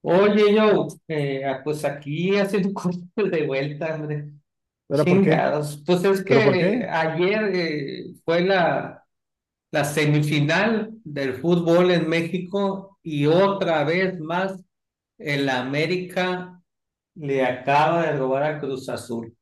Oye, yo, pues aquí haciendo cosas de vuelta, hombre. ¿Ahora por qué? Chingados. Pues es ¿Pero por que qué? ayer fue la semifinal del fútbol en México y otra vez más el América le acaba de robar a Cruz Azul.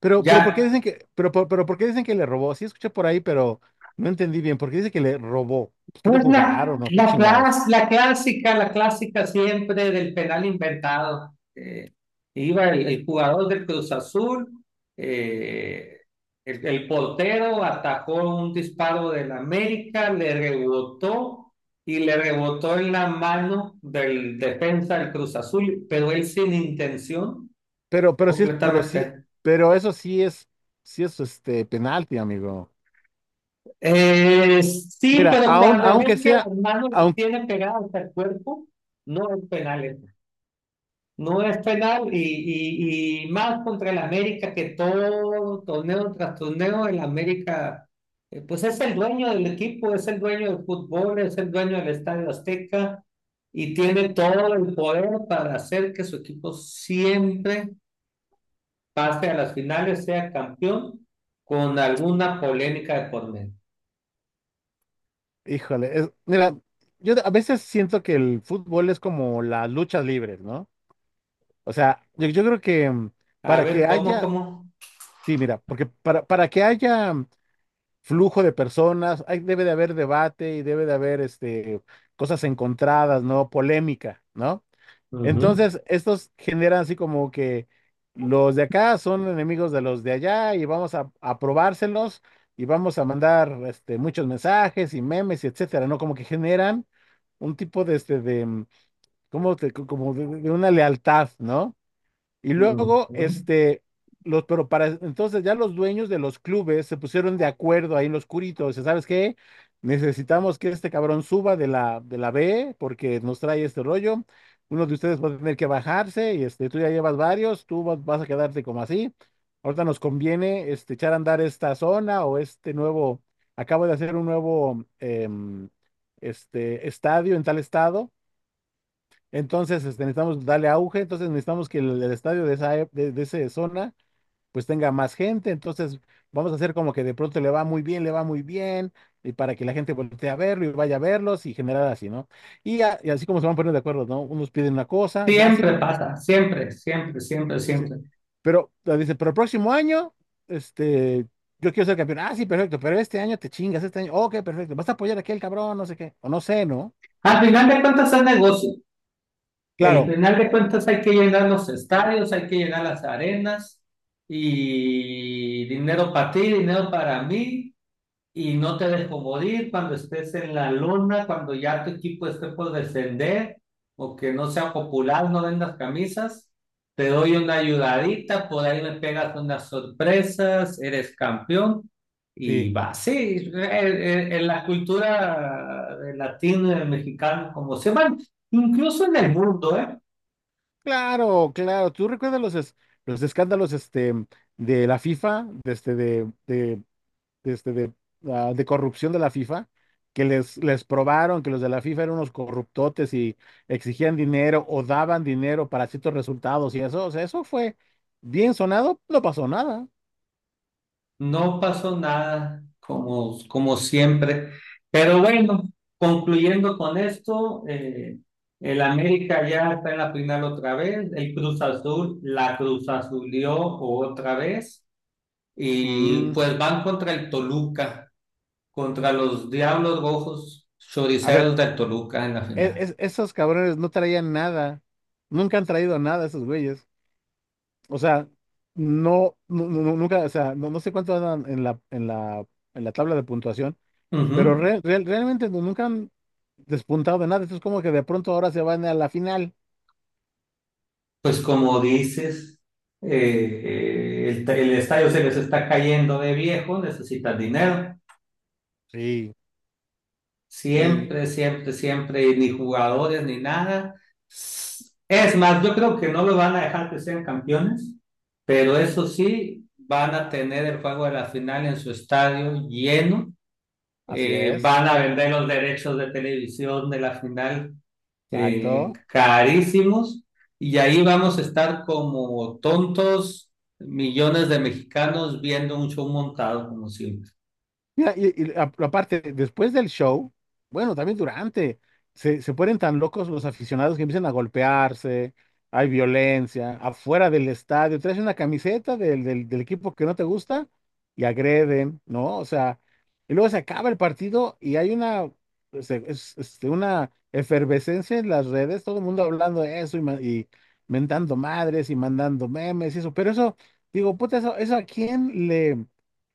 Pero, Ya, ¿por qué dicen que le robó? Sí escuché por ahí, pero no entendí bien. ¿Por qué dice que le robó? Pues que no pues jugaron o qué chingados. La clásica siempre del penal inventado. Iba el jugador del Cruz Azul, eh, el portero atajó un disparo del América, le rebotó y le rebotó en la mano del defensa del Cruz Azul, pero él sin intención Pero completamente. pero eso sí es este penalti, amigo. Sí, Mira, pero cuando ves aunque que sea, las manos las aun, tiene pegadas al cuerpo, no es penal. No es penal y más contra el América, que todo torneo tras torneo el América, pues es el dueño del equipo, es el dueño del fútbol, es el dueño del Estadio Azteca y tiene todo el poder para hacer que su equipo siempre pase a las finales, sea campeón con alguna polémica de por medio. híjole, mira, yo a veces siento que el fútbol es como las luchas libres, ¿no? O sea, yo creo que A para ver, que ¿cómo, haya, cómo? sí, mira, porque para que haya flujo de personas, debe de haber debate y debe de haber cosas encontradas, ¿no? Polémica, ¿no? Ujú, Entonces, estos generan así como que los de acá son enemigos de los de allá y vamos a probárselos y vamos a mandar muchos mensajes y memes y etcétera, ¿no? Como que generan un tipo de, este, de, mm, como de una lealtad, ¿no? Y luego, ujú. Entonces ya los dueños de los clubes se pusieron de acuerdo ahí en los curitos, ¿sabes qué? Necesitamos que este cabrón suba de la B porque nos trae este rollo. Uno de ustedes va a tener que bajarse y tú ya llevas varios, vas a quedarte como así. Ahorita nos conviene echar a andar esta zona o acabo de hacer un nuevo estadio en tal estado. Entonces, necesitamos darle auge, entonces necesitamos que el estadio de esa zona pues tenga más gente. Entonces vamos a hacer como que de pronto le va muy bien, y para que la gente voltee a verlo y vaya a verlos y generar así, ¿no? Y así como se van poniendo de acuerdo, ¿no? Unos piden una cosa, dice, ah, sí, Siempre pero, pasa, siempre, siempre, siempre, dice, siempre. pero, ah, dice, pero el próximo año, este, yo quiero ser campeón, ah, sí, perfecto, pero este año te chingas, este año, ok, perfecto, vas a apoyar a aquel cabrón, no sé qué, o no sé, ¿no? Al final de cuentas es negocio. El Claro, final de cuentas hay que llenar los estadios, hay que llenar las arenas y dinero para ti, dinero para mí, y no te dejo morir cuando estés en la luna, cuando ya tu equipo esté por descender o que no sea popular, no vendas camisas, te doy una ayudadita, por ahí me pegas unas sorpresas, eres campeón sí. y va. Sí, en, la cultura de latino, mexicano, como se van. Incluso en el mundo, ¿eh? Claro, claro. ¿Tú recuerdas los escándalos de la FIFA, de, este, de, este, de, ah, de corrupción de la FIFA? Que les probaron que los de la FIFA eran unos corruptotes y exigían dinero o daban dinero para ciertos resultados y eso. O sea, eso fue bien sonado, no pasó nada. No pasó nada, como, como siempre. Pero bueno, concluyendo con esto, el América ya está en la final otra vez, el Cruz Azul la Cruz Azulió otra vez, y pues Mm, van contra el Toluca, contra los Diablos Rojos A ver, Choriceros del Toluca en la final. Esos cabrones no traían nada. Nunca han traído nada esos güeyes. O sea, no, nunca. O sea, no, no sé cuánto andan en la tabla de puntuación, pero Ujú. Realmente nunca han despuntado de nada. Esto es como que de pronto ahora se van a la final. Pues como dices, eh, el estadio se les está cayendo de viejo, necesitan dinero. Sí, sí, Siempre, siempre, siempre, y ni jugadores ni nada. Es más, yo creo que no lo van a dejar que sean campeones, pero eso sí, van a tener el juego de la final en su estadio lleno. así es. Van a vender los derechos de televisión de la final, Exacto. carísimos, y ahí vamos a estar como tontos, millones de mexicanos viendo un show montado como siempre. Mira, aparte, después del show, bueno, también durante, se ponen tan locos los aficionados que empiezan a golpearse, hay violencia, afuera del estadio, traes una camiseta del equipo que no te gusta y agreden, ¿no? O sea, y luego se acaba el partido y hay una una efervescencia en las redes, todo el mundo hablando de eso y mentando madres y mandando memes y eso, pero eso, digo, puta, eso ¿a quién le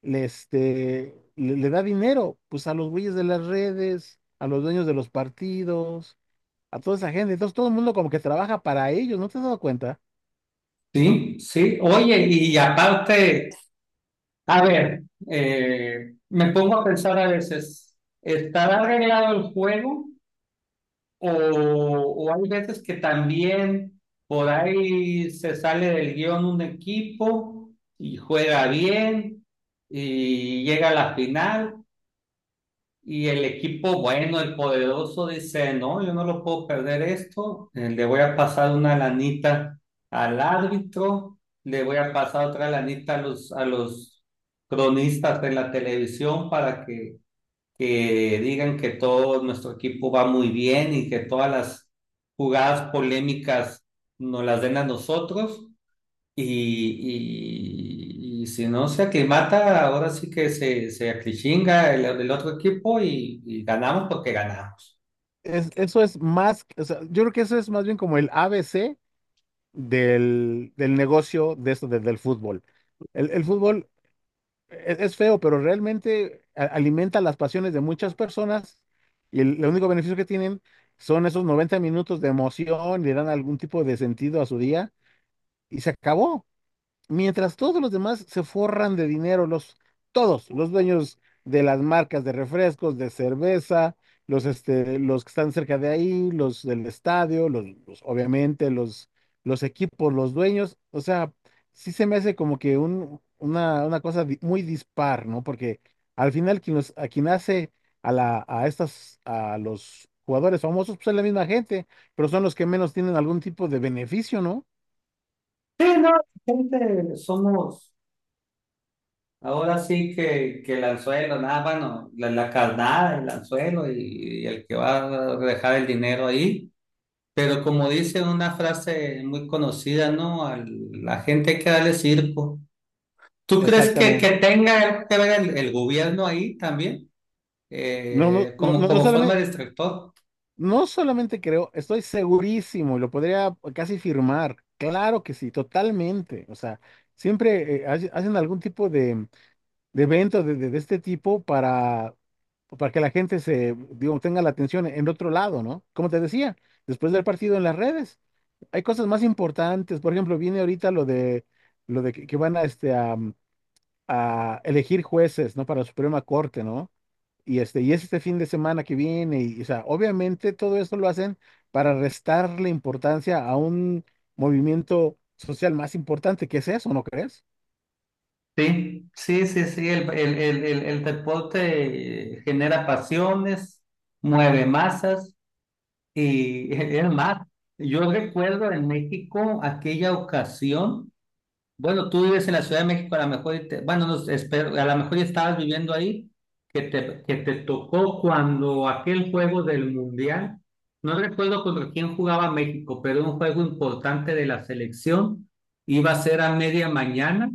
le, este, le, le da dinero? Pues a los güeyes de las redes, a los dueños de los partidos, a toda esa gente. Entonces todo el mundo como que trabaja para ellos, ¿no te has dado cuenta? Sí, sí. Oye, y aparte... A ver, me pongo a pensar a veces, ¿estará arreglado el juego? O hay veces que también por ahí se sale del guión un equipo y juega bien y llega a la final. Y el equipo bueno, el poderoso, dice, no, yo no lo puedo perder esto, le voy a pasar una lanita al árbitro, le voy a pasar otra lanita a a los cronistas de la televisión para que digan que todo nuestro equipo va muy bien y que todas las jugadas polémicas nos las den a nosotros. Y, y si no se aclimata, ahora sí que se aclichinga el otro equipo y ganamos porque ganamos. Eso es más. O sea, yo creo que eso es más bien como el ABC del negocio de esto, del fútbol. El fútbol es feo, pero realmente alimenta las pasiones de muchas personas y el único beneficio que tienen son esos 90 minutos de emoción, le dan algún tipo de sentido a su día y se acabó. Mientras todos los demás se forran de dinero, todos, los dueños de las marcas de refrescos, de cerveza, los que están cerca de ahí, los del estadio, obviamente los equipos, los dueños. O sea, sí se me hace como que un, una cosa muy dispar, ¿no? Porque al final a quien hace a, la, a estas, a los jugadores famosos, pues es la misma gente, pero son los que menos tienen algún tipo de beneficio, ¿no? Sí, no, gente, somos ahora sí que el anzuelo, nada, bueno, la carnada, el anzuelo y el que va a dejar el dinero ahí. Pero como dice una frase muy conocida, ¿no? A la gente hay que darle circo. ¿Tú crees Exactamente. que tenga algo que ver el gobierno ahí también? No, no, no, ¿Como, no, como forma de distractor? no solamente creo, estoy segurísimo, lo podría casi firmar. Claro que sí, totalmente. O sea, siempre hacen algún tipo de evento de este tipo para que la gente digo, tenga la atención en otro lado, ¿no? Como te decía, después del partido en las redes, hay cosas más importantes. Por ejemplo, viene ahorita lo de, que van a elegir jueces, ¿no? Para la Suprema Corte, ¿no? Y es este fin de semana que viene, y, o sea, obviamente todo esto lo hacen para restarle importancia a un movimiento social más importante, que es eso, ¿no crees? Sí, sí, sí, sí, el deporte genera pasiones, mueve masas y es más, yo recuerdo en México aquella ocasión. Bueno, tú vives en la Ciudad de México, a lo mejor, y te- bueno, no, espero- a lo mejor ya estabas viviendo ahí, que te tocó cuando aquel juego del Mundial, no recuerdo contra quién jugaba México, pero un juego importante de la selección, iba a ser a media mañana,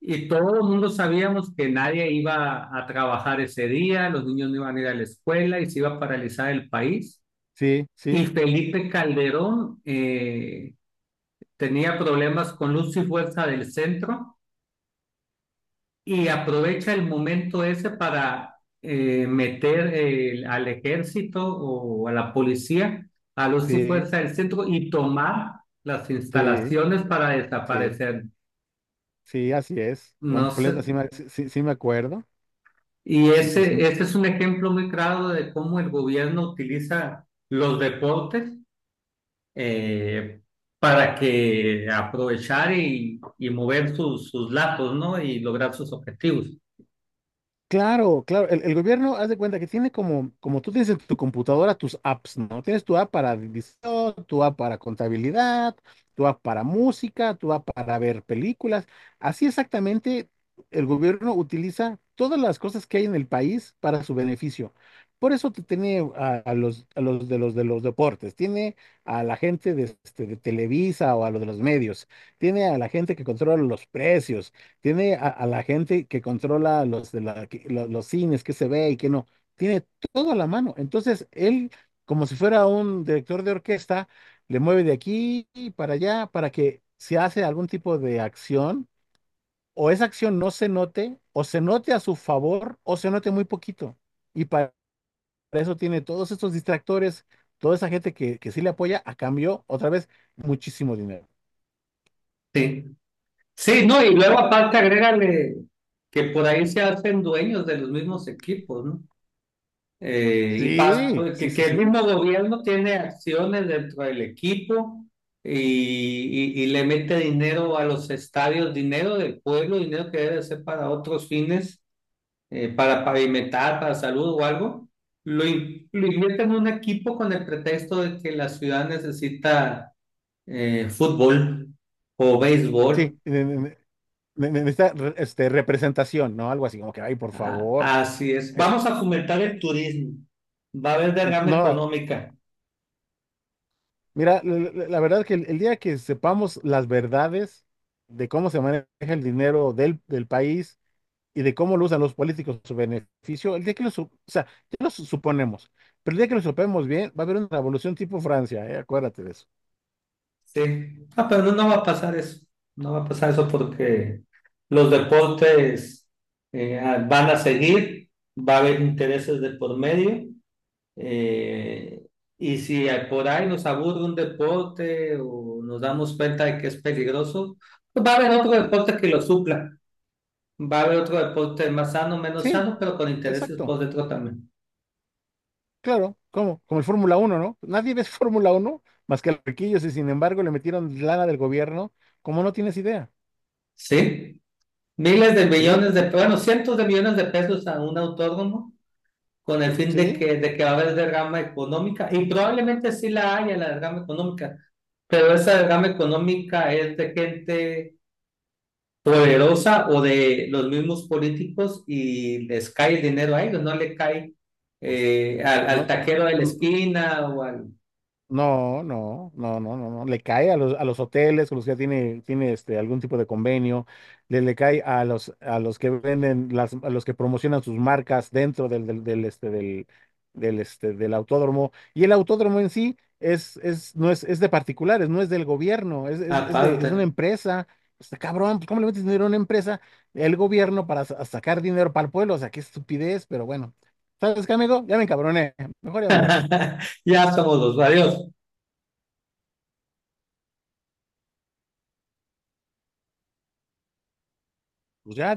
y todo el mundo sabíamos que nadie iba a trabajar ese día, los niños no iban a ir a la escuela y se iba a paralizar el país. Sí, sí, Y Felipe Calderón tenía problemas con luz y fuerza del centro y aprovecha el momento ese para meter al ejército o a la policía, a los y sí, fuerza del centro y tomar las sí, instalaciones para sí, desaparecer. sí, así es, No sé. completa, sí me acuerdo, Y sí, sí, sí. ese es un ejemplo muy claro de cómo el gobierno utiliza los deportes, eh, para que aprovechar y mover sus, sus lazos, ¿no? Y lograr sus objetivos. Claro, claro. El gobierno, haz de cuenta que tiene como tú tienes en tu computadora tus apps, ¿no? Tienes tu app para división, tu app para contabilidad, tu app para música, tu app para ver películas. Así exactamente, el gobierno utiliza todas las cosas que hay en el país para su beneficio. Por eso te tiene a los de los de los deportes, tiene a la gente de Televisa o a los de los medios, tiene a la gente que controla los precios. Tiene a la gente que controla los, de la, que- lo- los, cines, qué se ve y qué no, tiene todo a la mano. Entonces, él, como si fuera un director de orquesta, le mueve de aquí y para allá para que se hace algún tipo de acción o esa acción no se note o se note a su favor o se note muy poquito. Y para eso tiene todos estos distractores, toda esa gente que sí le apoya a cambio, otra vez, muchísimo dinero. Sí. Sí, no, y luego aparte agrégale que por ahí se hacen dueños de los mismos equipos, ¿no? Sí, Pues, sí, sí, que el sí. mismo gobierno tiene acciones dentro del equipo y, y le mete dinero a los estadios, dinero del pueblo, dinero que debe ser para otros fines, para pavimentar, para salud o algo. Lo invierte en un equipo con el pretexto de que la ciudad necesita fútbol o Sí, béisbol. Necesita representación, ¿no? Algo así como que, ay, por A- favor. Así es. Eh, Vamos a fomentar el turismo. Va a haber derrama no, económica. mira, la verdad que el día que sepamos las verdades de cómo se maneja el dinero del país y de cómo lo usan los políticos a su beneficio, el día que o sea, ya lo suponemos, pero el día que lo supemos bien, va a haber una revolución tipo Francia, ¿eh? Acuérdate de eso. Sí. Ah, pero no, no va a pasar eso. No va a pasar eso porque los deportes van a seguir. Va a haber intereses de por medio. eh, y si a- por ahí nos aburre un deporte o nos damos cuenta de que es peligroso, pues va a haber otro deporte que lo supla. Va a haber otro deporte más sano, menos Sí, sano, pero con intereses exacto, por dentro también. claro, ¿cómo? ¿Como el Fórmula 1, ¿no? Nadie ve Fórmula 1 más que los riquillos y sin embargo le metieron lana del gobierno, como no tienes idea. ¿Sí? Miles de Sí, millones sí, de, sí. bueno, cientos de millones de pesos a un autónomo con el fin Sí, de que va a haber derrama económica y probablemente sí la haya la derrama económica, pero esa derrama económica es de gente poderosa o de los mismos políticos, y les cae el dinero a ellos, no le cae pues al, al no, taquero de la n- esquina o al, no, no, no, no, no, no. Le cae a los hoteles con los que ya tiene algún tipo de convenio. Le cae a los que promocionan sus marcas dentro del autódromo. Y el autódromo en sí no es, es de particulares, no es del gobierno, a es una falta. empresa. Pues, está cabrón, pues, ¿cómo le metes dinero a una empresa? El gobierno para sacar dinero para el pueblo. O sea, qué estupidez, pero bueno. ¿Sabes qué, amigo? Ya me encabroné. Mejor ya me voy. Ya somos los varios. Pues ya.